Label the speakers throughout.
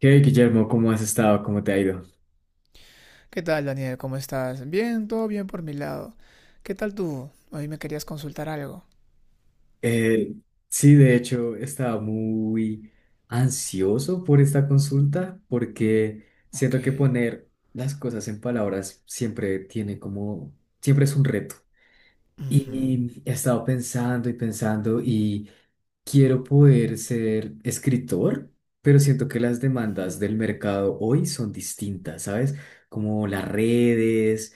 Speaker 1: Hey Guillermo, ¿cómo has estado? ¿Cómo te ha ido?
Speaker 2: ¿Qué tal, Daniel? ¿Cómo estás? Bien, todo bien por mi lado. ¿Qué tal tú? Hoy me querías consultar algo.
Speaker 1: Eh, sí, de hecho, estaba muy ansioso por esta consulta porque
Speaker 2: Ok.
Speaker 1: siento que poner las cosas en palabras siempre tiene como, siempre es un reto. Y he estado pensando y pensando y quiero poder ser escritor, pero siento que las
Speaker 2: Ujú.
Speaker 1: demandas del mercado hoy son distintas, ¿sabes? Como las redes.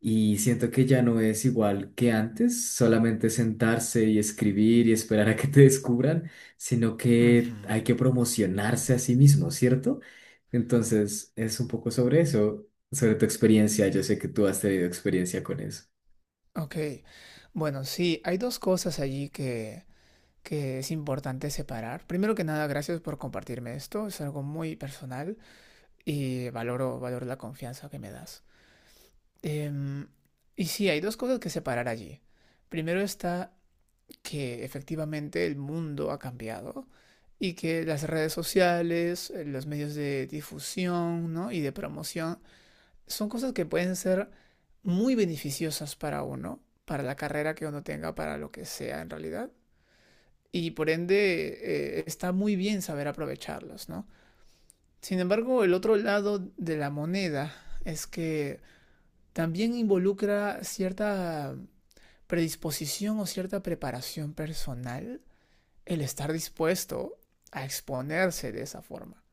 Speaker 1: Y siento que ya no es igual que antes, solamente sentarse y escribir y esperar a que te descubran, sino
Speaker 2: Ujú.
Speaker 1: que hay que promocionarse a sí mismo, ¿cierto? Entonces, es un poco sobre eso, sobre tu experiencia. Yo sé que tú has tenido experiencia con eso.
Speaker 2: Ok. Bueno, sí, hay dos cosas allí que es importante separar. Primero que nada, gracias por compartirme esto. Es algo muy personal y valoro la confianza que me das. Em, y sí, hay dos cosas que separar allí. Primero está que efectivamente el mundo ha cambiado y que las redes sociales, los medios de difusión, ¿no?, y de promoción son cosas que pueden ser muy beneficiosas para uno, para la carrera que uno tenga, para lo que sea en realidad. Y por ende está muy bien saber aprovecharlos, ¿no? Sin embargo, el otro lado de la moneda es que también involucra cierta predisposición o cierta preparación personal, el estar dispuesto a exponerse de esa forma,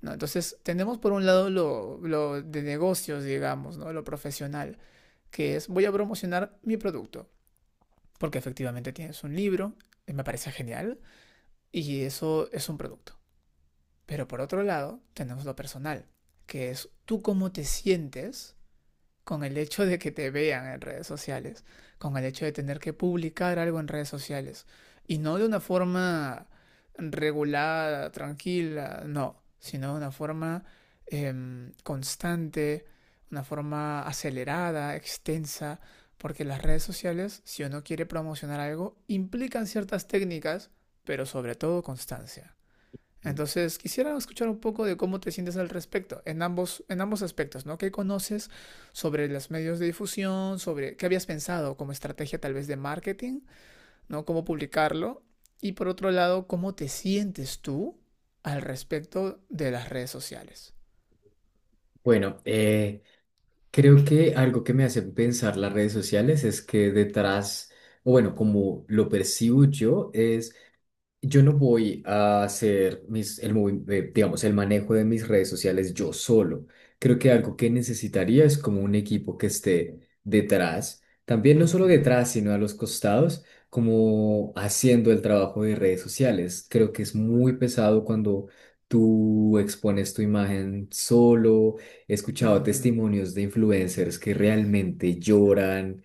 Speaker 2: ¿no? Entonces, tenemos por un lado lo de negocios, digamos, ¿no? Lo profesional, que es voy a promocionar mi producto, porque efectivamente tienes un libro, me parece genial, y eso es un producto. Pero por otro lado, tenemos lo personal, que es tú cómo te sientes con el hecho de que te vean en redes sociales, con el hecho de tener que publicar algo en redes sociales, y no de una forma regulada, tranquila, no, sino de una forma constante, una forma acelerada, extensa, porque las redes sociales, si uno quiere promocionar algo, implican ciertas técnicas, pero sobre todo constancia. Entonces, quisiera escuchar un poco de cómo te sientes al respecto, en ambos aspectos, ¿no? ¿Qué conoces sobre los medios de difusión? ¿Sobre qué habías pensado como estrategia tal vez de marketing, ¿no? Cómo publicarlo. Y por otro lado, ¿cómo te sientes tú al respecto de las redes sociales?
Speaker 1: Bueno, creo que algo que me hace pensar las redes sociales es que detrás, o bueno, como lo percibo yo, es: yo no voy a hacer digamos, el manejo de mis redes sociales yo solo. Creo que algo que necesitaría es como un equipo que esté detrás, también no solo
Speaker 2: Ujú,
Speaker 1: detrás, sino a los costados, como haciendo el trabajo de redes sociales. Creo que es muy pesado cuando tú expones tu imagen solo. He escuchado
Speaker 2: ujú,
Speaker 1: testimonios de influencers que realmente lloran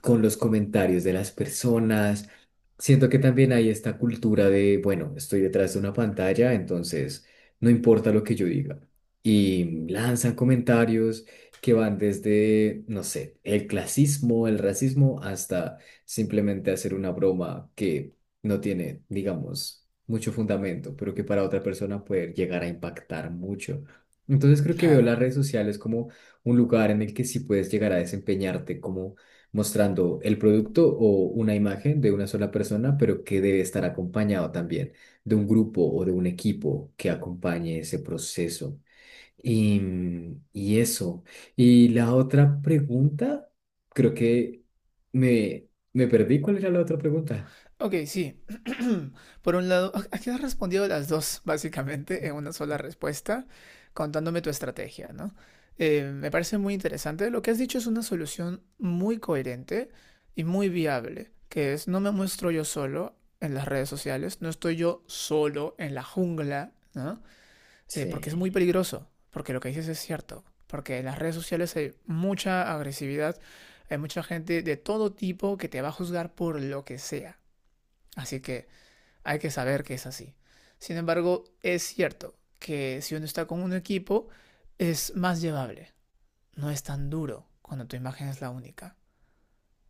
Speaker 1: con los comentarios de las personas. Siento que también hay esta cultura de, bueno, estoy detrás de una pantalla, entonces no importa lo que yo diga. Y lanzan comentarios que van desde, no sé, el clasismo, el racismo, hasta simplemente hacer una broma que no tiene, digamos, mucho fundamento, pero que para otra persona puede llegar a impactar mucho. Entonces creo que veo las
Speaker 2: claro.
Speaker 1: redes sociales como un lugar en el que sí puedes llegar a desempeñarte como mostrando el producto o una imagen de una sola persona, pero que debe estar acompañado también de un grupo o de un equipo que acompañe ese proceso. Y, y eso. Y la otra pregunta, creo que me perdí. ¿Cuál era la otra pregunta?
Speaker 2: Ok, sí. Por un lado, aquí has respondido las dos, básicamente, en una sola respuesta, contándome tu estrategia, ¿no? Me parece muy interesante. Lo que has dicho es una solución muy coherente y muy viable, que es no me muestro yo solo en las redes sociales, no estoy yo solo en la jungla, ¿no? Porque es muy
Speaker 1: Sí.
Speaker 2: peligroso, porque lo que dices es cierto, porque en las redes sociales hay mucha agresividad, hay mucha gente de todo tipo que te va a juzgar por lo que sea. Así que hay que saber que es así. Sin embargo, es cierto que si uno está con un equipo es más llevable, no es tan duro cuando tu imagen es la única.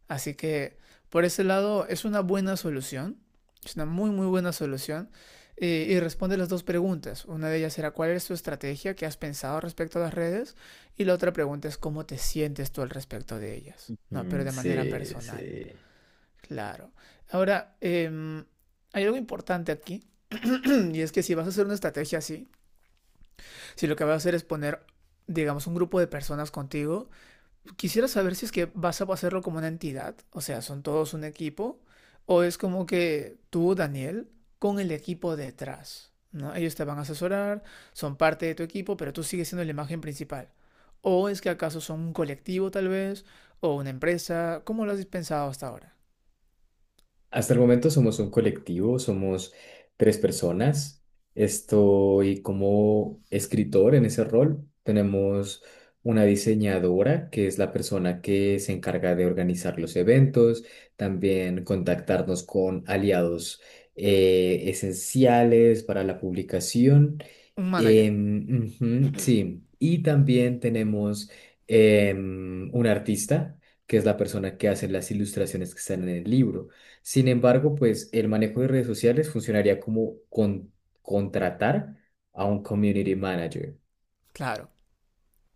Speaker 2: Así que por ese lado es una buena solución, es una muy muy buena solución y responde las dos preguntas. Una de ellas será cuál es tu estrategia que has pensado respecto a las redes y la otra pregunta es cómo te sientes tú al respecto de ellas, no, pero
Speaker 1: Mm,
Speaker 2: de manera
Speaker 1: sí,
Speaker 2: personal.
Speaker 1: sí.
Speaker 2: Claro. Ahora, hay algo importante aquí. Y es que si vas a hacer una estrategia así, si lo que vas a hacer es poner, digamos, un grupo de personas contigo, quisiera saber si es que vas a hacerlo como una entidad, o sea, son todos un equipo, o es como que tú, Daniel, con el equipo detrás, ¿no? Ellos te van a asesorar, son parte de tu equipo, pero tú sigues siendo la imagen principal. ¿O es que acaso son un colectivo tal vez, o una empresa? ¿Cómo lo has pensado hasta ahora?
Speaker 1: Hasta el momento somos un colectivo, somos tres personas. Estoy como escritor en ese rol. Tenemos una diseñadora, que es la persona que se encarga de organizar los eventos, también contactarnos con aliados esenciales para la publicación.
Speaker 2: Un manager.
Speaker 1: Ujú, sí, y también tenemos un artista, que es la persona que hace las ilustraciones que están en el libro. Sin embargo, pues el manejo de redes sociales funcionaría como contratar a un community manager.
Speaker 2: Claro.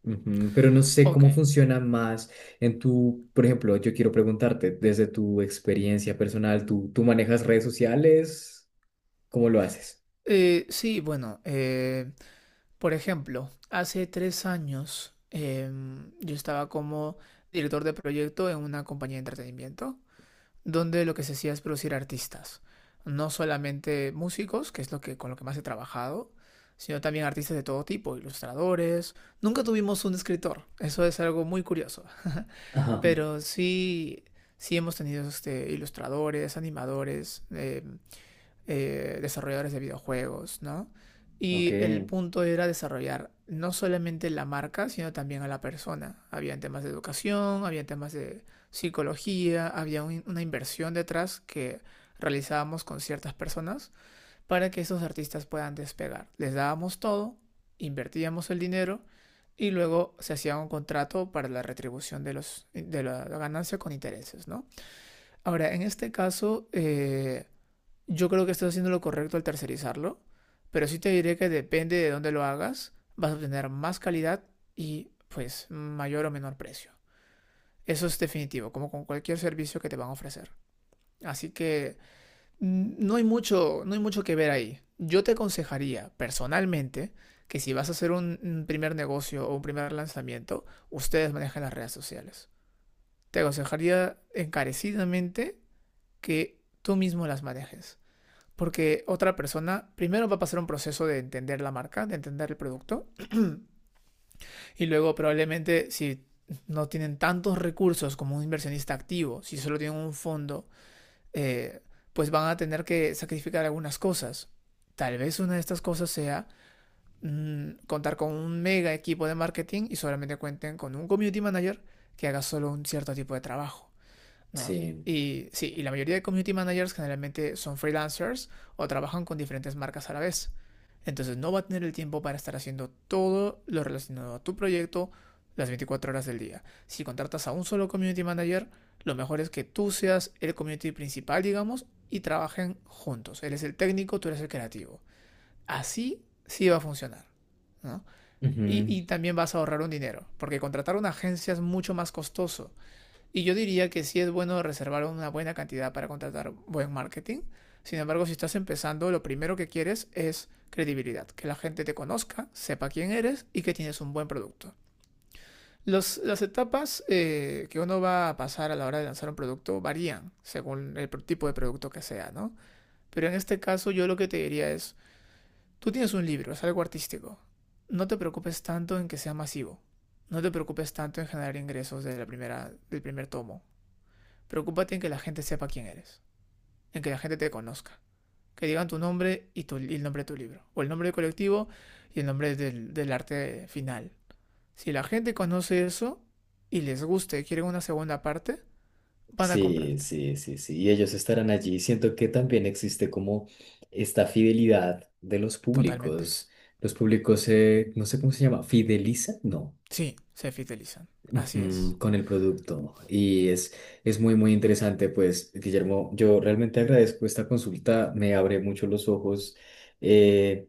Speaker 1: Ujú. Pero no sé
Speaker 2: Ok.
Speaker 1: cómo funciona más en tu, por ejemplo, yo quiero preguntarte, desde tu experiencia personal, ¿Tú manejas redes sociales? ¿Cómo lo haces?
Speaker 2: Sí, bueno, por ejemplo, hace 3 años yo estaba como director de proyecto en una compañía de entretenimiento, donde lo que se hacía es producir artistas, no solamente músicos, que es lo que, con lo que más he trabajado, sino también artistas de todo tipo, ilustradores. Nunca tuvimos un escritor, eso es algo muy curioso,
Speaker 1: Ajá,
Speaker 2: pero sí, sí hemos tenido este, ilustradores, animadores, desarrolladores de videojuegos, ¿no?
Speaker 1: ok,
Speaker 2: Y el punto era desarrollar no solamente la marca, sino también a la persona. Habían temas de educación, había temas de psicología, había una inversión detrás que realizábamos con ciertas personas para que esos artistas puedan despegar. Les dábamos todo, invertíamos el dinero y luego se hacía un contrato para la retribución de la ganancia con intereses, ¿no? Ahora, en este caso, yo creo que estás haciendo lo correcto al tercerizarlo, pero sí te diré que depende de dónde lo hagas, vas a obtener más calidad y pues mayor o menor precio. Eso es definitivo, como con cualquier servicio que te van a ofrecer. Así que no hay mucho que ver ahí. Yo te aconsejaría personalmente que si vas a hacer un primer negocio o un primer lanzamiento, ustedes manejen las redes sociales. Te aconsejaría encarecidamente que tú mismo las manejes. Porque otra persona primero va a pasar un proceso de entender la marca, de entender el producto, y luego probablemente si no tienen tantos recursos como un inversionista activo, si solo tienen un fondo, eh, pues van a tener que sacrificar algunas cosas. Tal vez una de estas cosas sea contar con un mega equipo de marketing y solamente cuenten con un community manager que haga solo un cierto tipo de trabajo, ¿no?
Speaker 1: sí.
Speaker 2: Y sí, y la mayoría de community managers generalmente son freelancers o trabajan con diferentes marcas a la vez. Entonces no va a tener el tiempo para estar haciendo todo lo relacionado a tu proyecto las 24 horas del día. Si contratas a un solo community manager, lo mejor es que tú seas el community principal, digamos, y trabajen juntos. Él es el técnico, tú eres el creativo. Así sí va a funcionar, ¿no? Y,
Speaker 1: Ujú.
Speaker 2: y también vas a ahorrar un dinero, porque contratar una agencia es mucho más costoso. Y yo diría que sí es bueno reservar una buena cantidad para contratar buen marketing. Sin embargo, si estás empezando, lo primero que quieres es credibilidad, que la gente te conozca, sepa quién eres y que tienes un buen producto. Las etapas que uno va a pasar a la hora de lanzar un producto varían según el tipo de producto que sea, ¿no? Pero en este caso yo lo que te diría es, tú tienes un libro, es algo artístico, no te preocupes tanto en que sea masivo, no te preocupes tanto en generar ingresos del primer tomo. Preocúpate en que la gente sepa quién eres, en que la gente te conozca, que digan tu nombre y, y el nombre de tu libro, o el nombre del colectivo y el nombre del arte final. Si la gente conoce eso y les gusta y quieren una segunda parte, van a
Speaker 1: Sí,
Speaker 2: comprarte.
Speaker 1: sí, sí, sí. Y ellos estarán allí. Siento que también existe como esta fidelidad de los
Speaker 2: Totalmente.
Speaker 1: públicos. Los públicos, no sé cómo se llama, fidelizan, no.
Speaker 2: Sí, se fidelizan. Así es.
Speaker 1: Ujú, con el producto. Y es muy, muy interesante, pues, Guillermo, yo realmente agradezco esta consulta. Me abre mucho los ojos. eh,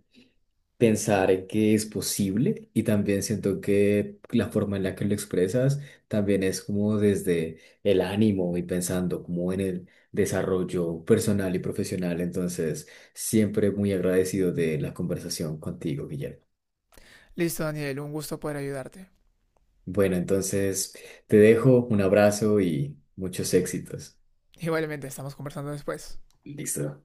Speaker 1: Pensar en que es posible y también siento que la forma en la que lo expresas también es como desde el ánimo y pensando como en el desarrollo personal y profesional. Entonces, siempre muy agradecido de la conversación contigo, Guillermo.
Speaker 2: Listo, Daniel, un gusto poder ayudarte.
Speaker 1: Bueno, entonces te dejo un abrazo y muchos éxitos.
Speaker 2: Igualmente, estamos conversando después.
Speaker 1: Listo.